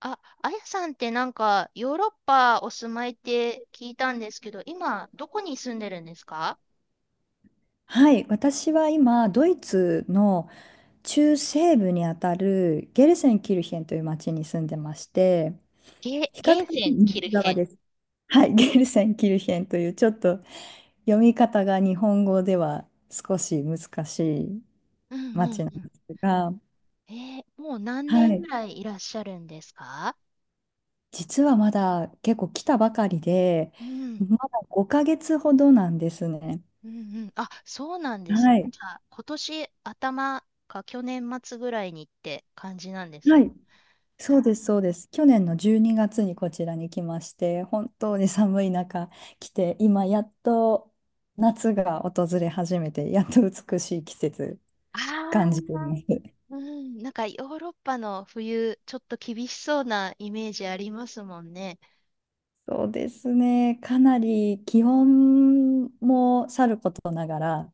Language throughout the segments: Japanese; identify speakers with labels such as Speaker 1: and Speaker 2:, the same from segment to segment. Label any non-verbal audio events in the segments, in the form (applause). Speaker 1: あ、あやさんってなんかヨーロッパお住まいって聞いたんですけど、今どこに住んでるんですか？
Speaker 2: はい、私は今、ドイツの中西部にあたるゲルセンキルヒェンという町に住んでまして、
Speaker 1: ゲー、
Speaker 2: 比較
Speaker 1: ゲー
Speaker 2: 的
Speaker 1: セン、
Speaker 2: 西
Speaker 1: キルヘ
Speaker 2: 側で
Speaker 1: ン。
Speaker 2: す。はい、(laughs) ゲルセンキルヒェンというちょっと読み方が日本語では少し難しい
Speaker 1: うんう
Speaker 2: 町
Speaker 1: ん
Speaker 2: なん
Speaker 1: う
Speaker 2: で
Speaker 1: ん。
Speaker 2: すが、
Speaker 1: えもう何
Speaker 2: は
Speaker 1: 年ぐ
Speaker 2: い、
Speaker 1: らいいらっしゃるんですか？
Speaker 2: 実はまだ結構来たばかりで、
Speaker 1: うん。
Speaker 2: まだ5ヶ月ほどなんですね。
Speaker 1: うんうん。あ、そうなんですね。
Speaker 2: はい。
Speaker 1: じゃあ、今年頭か去年末ぐらいにって感じなんです
Speaker 2: は
Speaker 1: か？
Speaker 2: い。そうです、そうです。去年の12月にがつにこちらに来まして、本当に寒い中来て、今やっと夏が訪れ始めて、やっと美しい季節感じ
Speaker 1: ああ
Speaker 2: ています。(laughs)
Speaker 1: ー、うん。なんかヨーロッパの冬、ちょっと厳しそうなイメージありますもんね。
Speaker 2: そうですね、かなり気温もさることながら、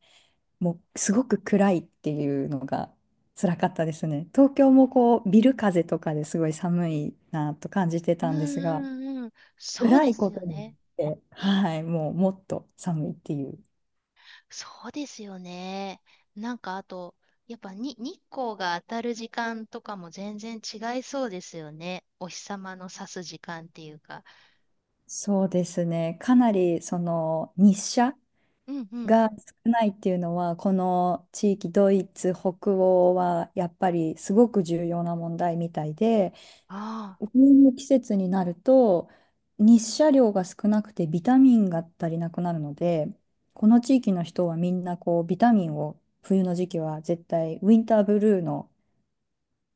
Speaker 2: もうすごく暗いっていうのが辛かったですね。東京もこうビル風とかですごい寒いなと感じて
Speaker 1: うん
Speaker 2: たんですが、
Speaker 1: うんうん。そうで
Speaker 2: 暗い
Speaker 1: す
Speaker 2: こと
Speaker 1: よ
Speaker 2: によっ
Speaker 1: ね。
Speaker 2: て、はい、もうもっと寒いっていう。
Speaker 1: そうですよね。なんかあと、やっぱに日光が当たる時間とかも全然違いそうですよね。お日様の差す時間っていうか。
Speaker 2: そうですね。かなりその日射
Speaker 1: うんうん。
Speaker 2: が少ないっていうのは、この地域、ドイツ、北欧はやっぱりすごく重要な問題みたいで、
Speaker 1: ああ。
Speaker 2: 冬の季節になると日射量が少なくてビタミンが足りなくなるので、この地域の人はみんなこうビタミンを冬の時期は絶対ウィンターブルーの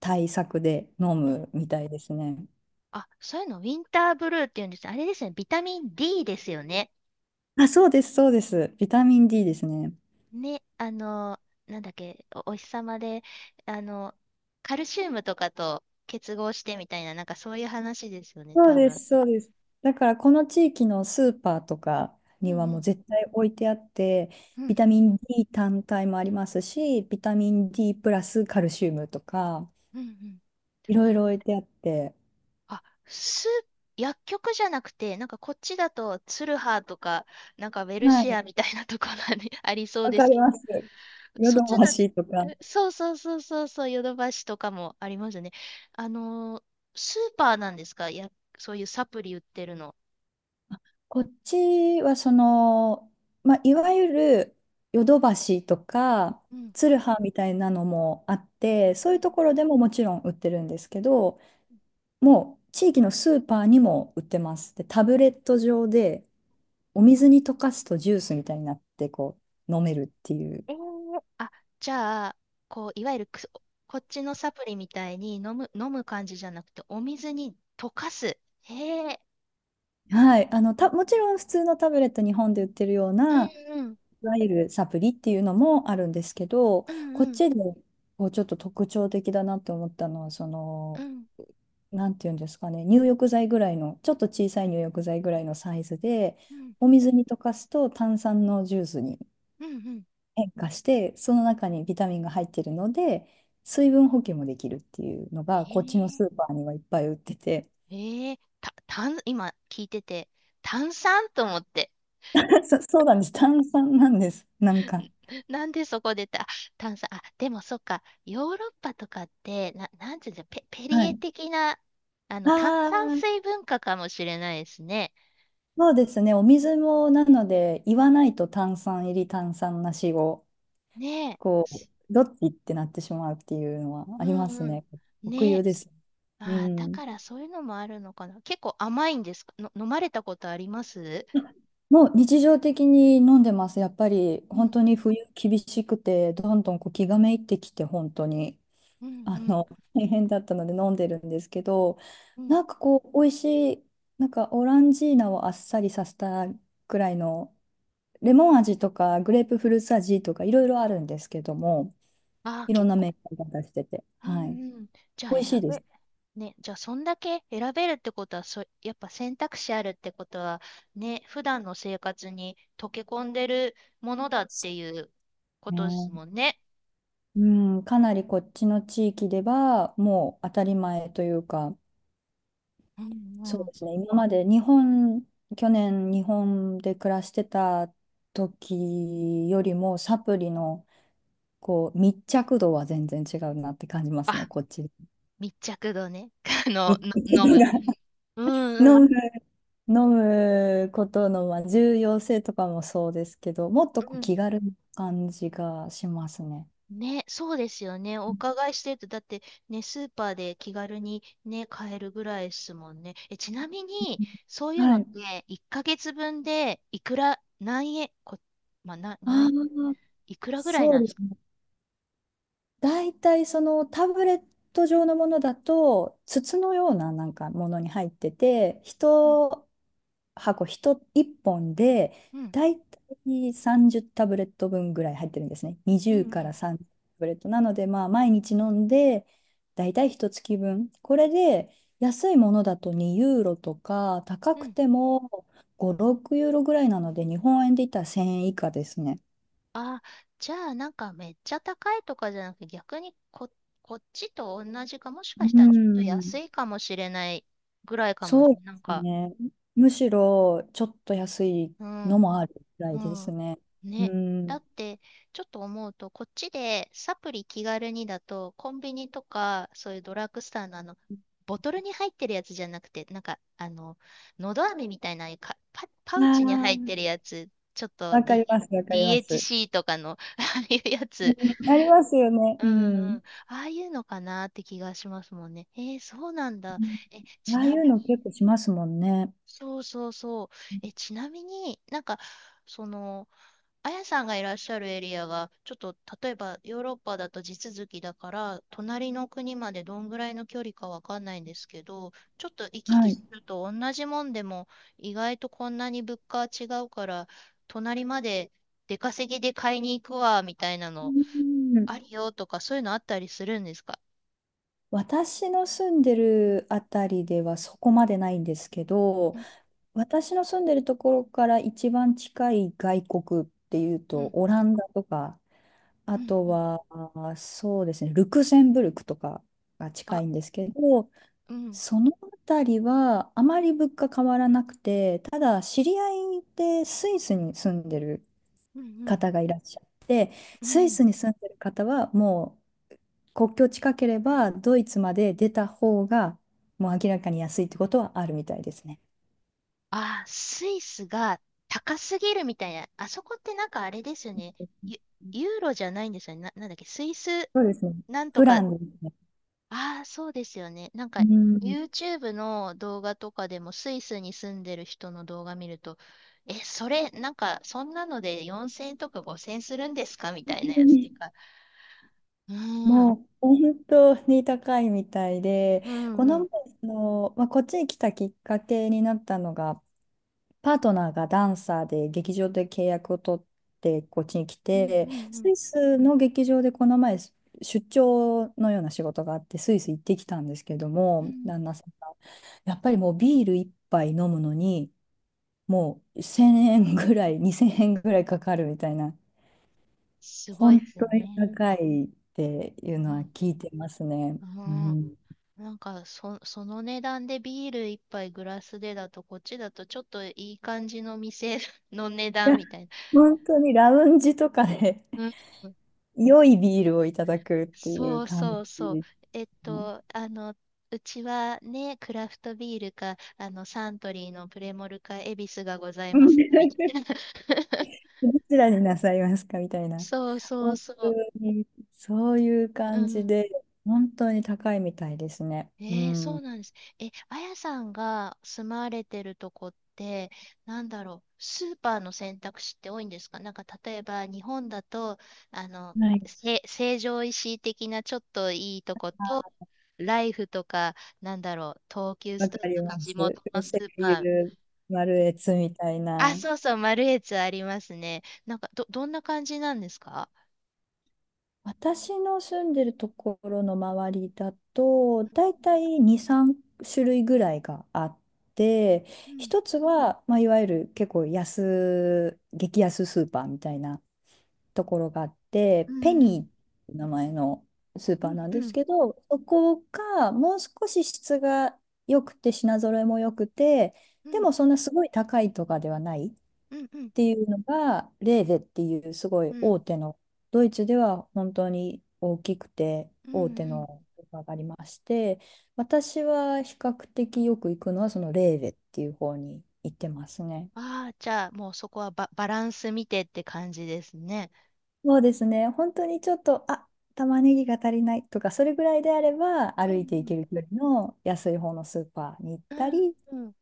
Speaker 2: 対策で飲
Speaker 1: うん、
Speaker 2: むみたいですね。
Speaker 1: あ、そういうの、ウィンターブルーっていうんです。あれですね、ビタミン D ですよね。
Speaker 2: あ、そうです、そうです。ビタミン D ですね。
Speaker 1: ね、なんだっけ、お、お日様で、あの、カルシウムとかと結合してみたいな、なんかそういう話ですよね、
Speaker 2: そう
Speaker 1: 多
Speaker 2: で
Speaker 1: 分。
Speaker 2: す、そうです。だからこの地域のスーパーとか
Speaker 1: うん
Speaker 2: には
Speaker 1: う
Speaker 2: もう
Speaker 1: ん。
Speaker 2: 絶対置いてあって、
Speaker 1: う
Speaker 2: ビ
Speaker 1: ん
Speaker 2: タミン D 単体もありますし、ビタミン D プラスカルシウムとか、
Speaker 1: うんうん。
Speaker 2: いろいろ置いてあって、
Speaker 1: あ、す、薬局じゃなくて、なんかこっちだとツルハとか、なんかウェル
Speaker 2: は
Speaker 1: シ
Speaker 2: い、
Speaker 1: アみたいなところに (laughs) ありそう
Speaker 2: わ
Speaker 1: で
Speaker 2: か
Speaker 1: す
Speaker 2: り
Speaker 1: けど、
Speaker 2: ます。ヨ
Speaker 1: そっ
Speaker 2: ド
Speaker 1: ち
Speaker 2: バ
Speaker 1: だ、
Speaker 2: シとか。
Speaker 1: そうそうそうそうそう、ヨドバシとかもありますね。あのースーパーなんですか？や、そういうサプリ売ってるの。
Speaker 2: こっちはその、まあ、いわゆるヨドバシとか、
Speaker 1: うん。
Speaker 2: ツルハみたいなのもあって、
Speaker 1: う
Speaker 2: そ
Speaker 1: ん
Speaker 2: う
Speaker 1: う
Speaker 2: いう
Speaker 1: ん。
Speaker 2: ところでももちろん売ってるんですけど、もう地域のスーパーにも売ってます。で、タブレット状でお水に溶かすとジュースみたいになってこう飲めるっていう。
Speaker 1: えー、あ、じゃあ、こう、いわゆるくす、こっちのサプリみたいに飲む、感じじゃなくて、お水に溶かす。へえ。
Speaker 2: はい、あのたもちろん普通のタブレット日本で売ってるよう
Speaker 1: う
Speaker 2: な
Speaker 1: んうん。
Speaker 2: いわゆるサプリっていうのもあるんですけど、
Speaker 1: うん
Speaker 2: こっ
Speaker 1: うん。
Speaker 2: ちでこうちょっと特徴的だなって思ったのは、その
Speaker 1: うん
Speaker 2: なんていうんですかね、入浴剤ぐらいの、ちょっと小さい入浴剤ぐらいのサイズで
Speaker 1: うん。
Speaker 2: お水に溶かすと炭酸のジュースに
Speaker 1: うんうん。
Speaker 2: 変化して、その中にビタミンが入ってるので、水分補給もできるっていうのが、
Speaker 1: え
Speaker 2: こっちの
Speaker 1: え
Speaker 2: スーパーにはいっぱい売ってて、
Speaker 1: ええた、炭、今聞いてて、炭酸と思って。
Speaker 2: (laughs) そうなんです。炭酸なんです。なん
Speaker 1: (laughs)
Speaker 2: か。
Speaker 1: なんでそこでた、炭酸、あ、でもそっか、ヨーロッパとかって、な、なんていうんだペ、ペリ
Speaker 2: は
Speaker 1: エ
Speaker 2: い。
Speaker 1: 的な、炭
Speaker 2: あ
Speaker 1: 酸
Speaker 2: あ、
Speaker 1: 水文化かもしれないですね。
Speaker 2: そうですね。お水も、なので、言わないと炭酸入り、炭酸なしを、
Speaker 1: ねえ。
Speaker 2: こう、どっちってなってしまうっていうのはあ
Speaker 1: う
Speaker 2: り
Speaker 1: ん
Speaker 2: ます
Speaker 1: うん。
Speaker 2: ね。特
Speaker 1: ねえ。
Speaker 2: 有です。う
Speaker 1: ああ、だ
Speaker 2: ん。
Speaker 1: からそういうのもあるのかな。結構甘いんですか？の、飲まれたことあります？
Speaker 2: もう日常的に飲んでます。やっぱり
Speaker 1: う
Speaker 2: 本
Speaker 1: ん、
Speaker 2: 当に冬厳しくて、どんどんこう気がめいってきて、本当に。
Speaker 1: うん、う
Speaker 2: あ
Speaker 1: ん、
Speaker 2: の、(laughs) 大変だったので飲んでるんですけど、
Speaker 1: うん。
Speaker 2: なんかこう、美味しい、なんかオランジーナをあっさりさせたくらいの、レモン味とかグレープフルーツ味とかいろいろあるんですけども、
Speaker 1: ああ、
Speaker 2: いろ
Speaker 1: 結
Speaker 2: んなメー
Speaker 1: 構、
Speaker 2: カーが出してて、
Speaker 1: う
Speaker 2: はい。
Speaker 1: んうん。じゃあ
Speaker 2: 美味しい
Speaker 1: 選
Speaker 2: で
Speaker 1: べ、
Speaker 2: す
Speaker 1: ね、じゃあそんだけ選べるってことは、そ、やっぱ選択肢あるってことは、ね、普段の生活に溶け込んでるものだっていうことです
Speaker 2: ね。
Speaker 1: もんね。
Speaker 2: うん、かなりこっちの地域ではもう当たり前というか、
Speaker 1: うん
Speaker 2: そう
Speaker 1: うん。
Speaker 2: ですね、今まで日本、去年日本で暮らしてた時よりもサプリのこう、密着度は全然違うなって感じますね、(laughs)
Speaker 1: あ、
Speaker 2: こっち。
Speaker 1: 密着度ね。(laughs) あの、の、飲む。
Speaker 2: (laughs)
Speaker 1: うんう
Speaker 2: 飲
Speaker 1: ん。
Speaker 2: む、飲むことの、まあ、重要性とかもそうですけど、もっとこう気軽な感じがしますね。
Speaker 1: ね、そうですよね。お伺いしてると、だってね、スーパーで気軽にね、買えるぐらいですもんね。え、ちなみに、そういうの
Speaker 2: は
Speaker 1: っ
Speaker 2: い。
Speaker 1: て、1ヶ月分で、いくら、何円、こ、まあ、な、
Speaker 2: あ
Speaker 1: 何、
Speaker 2: あ、
Speaker 1: いくらぐらい
Speaker 2: そう
Speaker 1: なんで
Speaker 2: で
Speaker 1: す
Speaker 2: す
Speaker 1: か？
Speaker 2: ね。大体そのタブレット状のものだと、筒のようななんかものに入ってて、
Speaker 1: うん、
Speaker 2: 人箱1本で、
Speaker 1: うん、
Speaker 2: だいたい30タブレット分ぐらい入ってるんですね。
Speaker 1: うん、う
Speaker 2: 20から
Speaker 1: ん。
Speaker 2: 30タブレット。なので、まあ、毎日飲んで、だいたい1月分。これで、安いものだと2ユーロとか、高
Speaker 1: う
Speaker 2: く
Speaker 1: ん、
Speaker 2: ても5、6ユーロぐらいなので、日本円で言ったら1000円以下ですね。
Speaker 1: あ、じゃあ、なんかめっちゃ高いとかじゃなくて、逆にこ、こっちと同じか、もしか
Speaker 2: う
Speaker 1: したらちょっと
Speaker 2: ん、
Speaker 1: 安いかもしれないぐらいかもし
Speaker 2: そう
Speaker 1: れな
Speaker 2: で
Speaker 1: い。なん
Speaker 2: す
Speaker 1: か、
Speaker 2: ね。むしろ、ちょっと安い
Speaker 1: う
Speaker 2: の
Speaker 1: ん。
Speaker 2: もあるぐら
Speaker 1: う
Speaker 2: いです
Speaker 1: ん。
Speaker 2: ね。う
Speaker 1: ね。だ
Speaker 2: ん。
Speaker 1: って、ちょっと思うと、こっちでサプリ気軽にだと、コンビニとか、そういうドラッグストアのあの、ボトルに入ってるやつじゃなくて、なんか、のど飴みたいなああいうかパ、パウ
Speaker 2: あ
Speaker 1: チに入ってる
Speaker 2: ー
Speaker 1: やつ、ちょっと
Speaker 2: わかりま
Speaker 1: DH、
Speaker 2: す、わかります。
Speaker 1: DHC とかの、(laughs) ああいうやつ、
Speaker 2: うん、ありますよね。
Speaker 1: うん
Speaker 2: う
Speaker 1: うん、
Speaker 2: ん。
Speaker 1: ああいうのかなって気がしますもんね。えー、そうなんだ。
Speaker 2: うん、
Speaker 1: え、ち
Speaker 2: ああい
Speaker 1: なみ
Speaker 2: うの
Speaker 1: に、
Speaker 2: 結構しますもんね。
Speaker 1: そうそうそう。え、ちなみになんか、その、あやさんがいらっしゃるエリアが、ちょっと例えばヨーロッパだと地続きだから、隣の国までどんぐらいの距離かわかんないんですけど、ちょっと行き
Speaker 2: は
Speaker 1: 来
Speaker 2: い。
Speaker 1: すると同じもんでも、意外とこんなに物価は違うから、隣まで出稼ぎで買いに行くわ、みたいな
Speaker 2: う
Speaker 1: の、
Speaker 2: ん、
Speaker 1: あるよとか、そういうのあったりするんですか？
Speaker 2: 私の住んでるあたりではそこまでないんですけど、
Speaker 1: うん、
Speaker 2: 私の住んでるところから一番近い外国っていう
Speaker 1: う
Speaker 2: と、
Speaker 1: ん、
Speaker 2: オランダとか、あ
Speaker 1: うん、
Speaker 2: と
Speaker 1: うん。
Speaker 2: は、そうですね、ルクセンブルクとかが近
Speaker 1: あ、
Speaker 2: いんですけど、
Speaker 1: うん、
Speaker 2: そのあたりはあまり物価変わらなくて、ただ知り合いでスイスに住んでる
Speaker 1: うん、うん、
Speaker 2: 方がいらっしゃる。
Speaker 1: う
Speaker 2: スイ
Speaker 1: ん。
Speaker 2: スに住んでる方はもう国境近ければドイツまで出た方がもう明らかに安いってことはあるみたいですね。
Speaker 1: あー、スイスが高すぎるみたいな。あそこってなんかあれですよね。ユ、ユーロじゃないんですよね。な、なんだっけ、スイス
Speaker 2: そうですね。
Speaker 1: なんと
Speaker 2: プラ
Speaker 1: か。
Speaker 2: ンですね。
Speaker 1: ああ、そうですよね。なん
Speaker 2: う
Speaker 1: か
Speaker 2: ん。
Speaker 1: YouTube の動画とかでもスイスに住んでる人の動画見ると、え、それ、なんかそんなので4000とか5000するんですか？みたいなやつっていうか。うーん、
Speaker 2: もう本当に高いみたいで、
Speaker 1: うん、
Speaker 2: こ
Speaker 1: う
Speaker 2: の
Speaker 1: ん、
Speaker 2: 前、その、まあ、こっちに来たきっかけになったのが、パートナーがダンサーで劇場で契約を取ってこっちに来
Speaker 1: うん、
Speaker 2: て、
Speaker 1: うん、う
Speaker 2: ス
Speaker 1: ん、
Speaker 2: イスの劇場でこの前出張のような仕事があってスイス行ってきたんですけど
Speaker 1: う
Speaker 2: も、
Speaker 1: ん。
Speaker 2: 旦那さんがやっぱりもうビール一杯飲むのにもう1000円ぐらい、2000円ぐらいかかるみたいな、
Speaker 1: すごい
Speaker 2: 本
Speaker 1: です
Speaker 2: 当に
Speaker 1: ね。
Speaker 2: 高いっていう
Speaker 1: う
Speaker 2: のは
Speaker 1: ん、
Speaker 2: 聞いてますね。
Speaker 1: う
Speaker 2: う
Speaker 1: ん。
Speaker 2: ん、い
Speaker 1: なんかそ、その値段でビール一杯グラスでだと、こっちだとちょっといい感じの店 (laughs) の値段
Speaker 2: や、
Speaker 1: みたいな。
Speaker 2: 本当にラウンジとかで
Speaker 1: うん。
Speaker 2: 良いビールをいただくっていう
Speaker 1: そう
Speaker 2: 感じ
Speaker 1: そうそう。
Speaker 2: で
Speaker 1: えっ
Speaker 2: すね。
Speaker 1: と、うちはね、クラフトビールか、サントリーのプレモルか、恵比寿がござい
Speaker 2: う
Speaker 1: ま
Speaker 2: ん、
Speaker 1: すみたいな。
Speaker 2: (laughs)
Speaker 1: (laughs)
Speaker 2: どちらになさいますかみたいな。
Speaker 1: そうそう
Speaker 2: 本
Speaker 1: そ
Speaker 2: 当
Speaker 1: う。
Speaker 2: に、そういう
Speaker 1: う
Speaker 2: 感じ
Speaker 1: ん、
Speaker 2: で、本当に高いみたいですね。う
Speaker 1: えー、そう
Speaker 2: ん。
Speaker 1: なんです。え、あやさんが住まわれてるとこって、なんだろう、スーパーの選択肢って多いんですか？なんか例えば日本だと、あの、
Speaker 2: はい。
Speaker 1: せ、成城石井的なちょっといいとこと、ライフとか、なんだろう、東急ス
Speaker 2: わ
Speaker 1: トア
Speaker 2: かり
Speaker 1: とか
Speaker 2: ま
Speaker 1: 地
Speaker 2: す。
Speaker 1: 元のス
Speaker 2: 声
Speaker 1: ーパ
Speaker 2: 優、
Speaker 1: ー。
Speaker 2: 丸越みたい
Speaker 1: あ、
Speaker 2: な。
Speaker 1: そうそう、マルエツありますね。なんか、ど、どんな感じなんですか？
Speaker 2: 私の住んでるところの周りだと、だいたい2、3種類ぐらいがあって、
Speaker 1: うん、
Speaker 2: 一つは、まあ、いわゆる結構、激安スーパーみたいな。ところがあっ
Speaker 1: う
Speaker 2: て、ペニ
Speaker 1: ん、
Speaker 2: ーっていう名前のスーパーなん
Speaker 1: うん、
Speaker 2: で
Speaker 1: う
Speaker 2: す
Speaker 1: ん、
Speaker 2: けど、そこがもう少し質が良くて、品揃えも良くて、
Speaker 1: う
Speaker 2: で
Speaker 1: ん、
Speaker 2: もそんなすごい高いとかではないっ
Speaker 1: うん、うん、うん、
Speaker 2: ていうのが、レーゼっていうすご
Speaker 1: う
Speaker 2: い
Speaker 1: ん、
Speaker 2: 大手の、ドイツでは本当に大きくて
Speaker 1: うん、う
Speaker 2: 大手
Speaker 1: ん、
Speaker 2: のスーパーがありまして、私は比較的よく行くのはそのレーゼっていう方に行ってますね。
Speaker 1: ああ、じゃあ、もうそこはバ、バランス見てって感じですね。
Speaker 2: そうですね。本当にちょっと、あ、玉ねぎが足りないとか、それぐらいであれば、
Speaker 1: う
Speaker 2: 歩いていけ
Speaker 1: ん
Speaker 2: る距離の安い方のスーパーに行っ
Speaker 1: う
Speaker 2: た
Speaker 1: ん
Speaker 2: り、
Speaker 1: うん、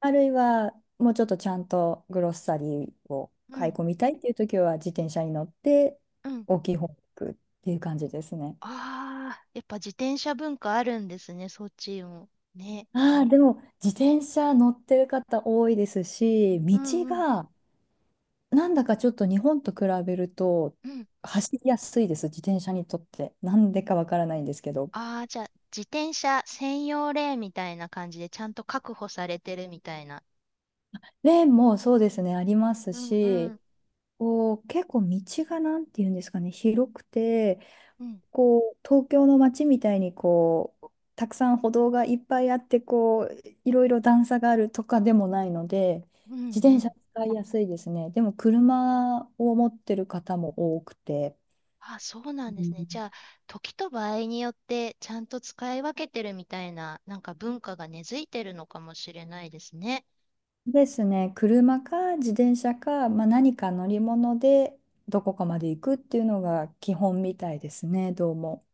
Speaker 2: あるいは、もうちょっとちゃんとグロッサリーを
Speaker 1: うん、う
Speaker 2: 買い
Speaker 1: ん、
Speaker 2: 込みたいっていう時は、自転車に乗って、
Speaker 1: うん。
Speaker 2: 大きい方に行くっていう感じですね。
Speaker 1: ああー、やっぱ自転車文化あるんですね、そっちも。ね。
Speaker 2: ああ、でも、自転車乗ってる方多いですし、
Speaker 1: うん、
Speaker 2: 道
Speaker 1: うん、
Speaker 2: が、なんだかちょっと日本と比べると、
Speaker 1: うん。
Speaker 2: 走りやすいです、自転車にとって。なんでかわからないんですけど。
Speaker 1: ああ、じゃあ、自転車専用レーンみたいな感じで、ちゃんと確保されてるみたいな。
Speaker 2: レーンもそうですね、あります
Speaker 1: うん、う
Speaker 2: し、
Speaker 1: ん、
Speaker 2: こう、結構道がなんていうんですかね、広くて、
Speaker 1: うん、
Speaker 2: こう、東京の街みたいにこう、たくさん歩道がいっぱいあって、こう、いろいろ段差があるとかでもないので、
Speaker 1: うん、
Speaker 2: 自
Speaker 1: う
Speaker 2: 転車
Speaker 1: ん。
Speaker 2: 使いやすいですね。でも、車を持ってる方も多くて。
Speaker 1: あ、そうな
Speaker 2: う
Speaker 1: んですね。じ
Speaker 2: ん、
Speaker 1: ゃあ、時と場合によって、ちゃんと使い分けてるみたいな、なんか文化が根付いてるのかもしれないですね。
Speaker 2: ですね、車か自転車か、まあ、何か乗り物でどこかまで行くっていうのが基本みたいですね、どうも。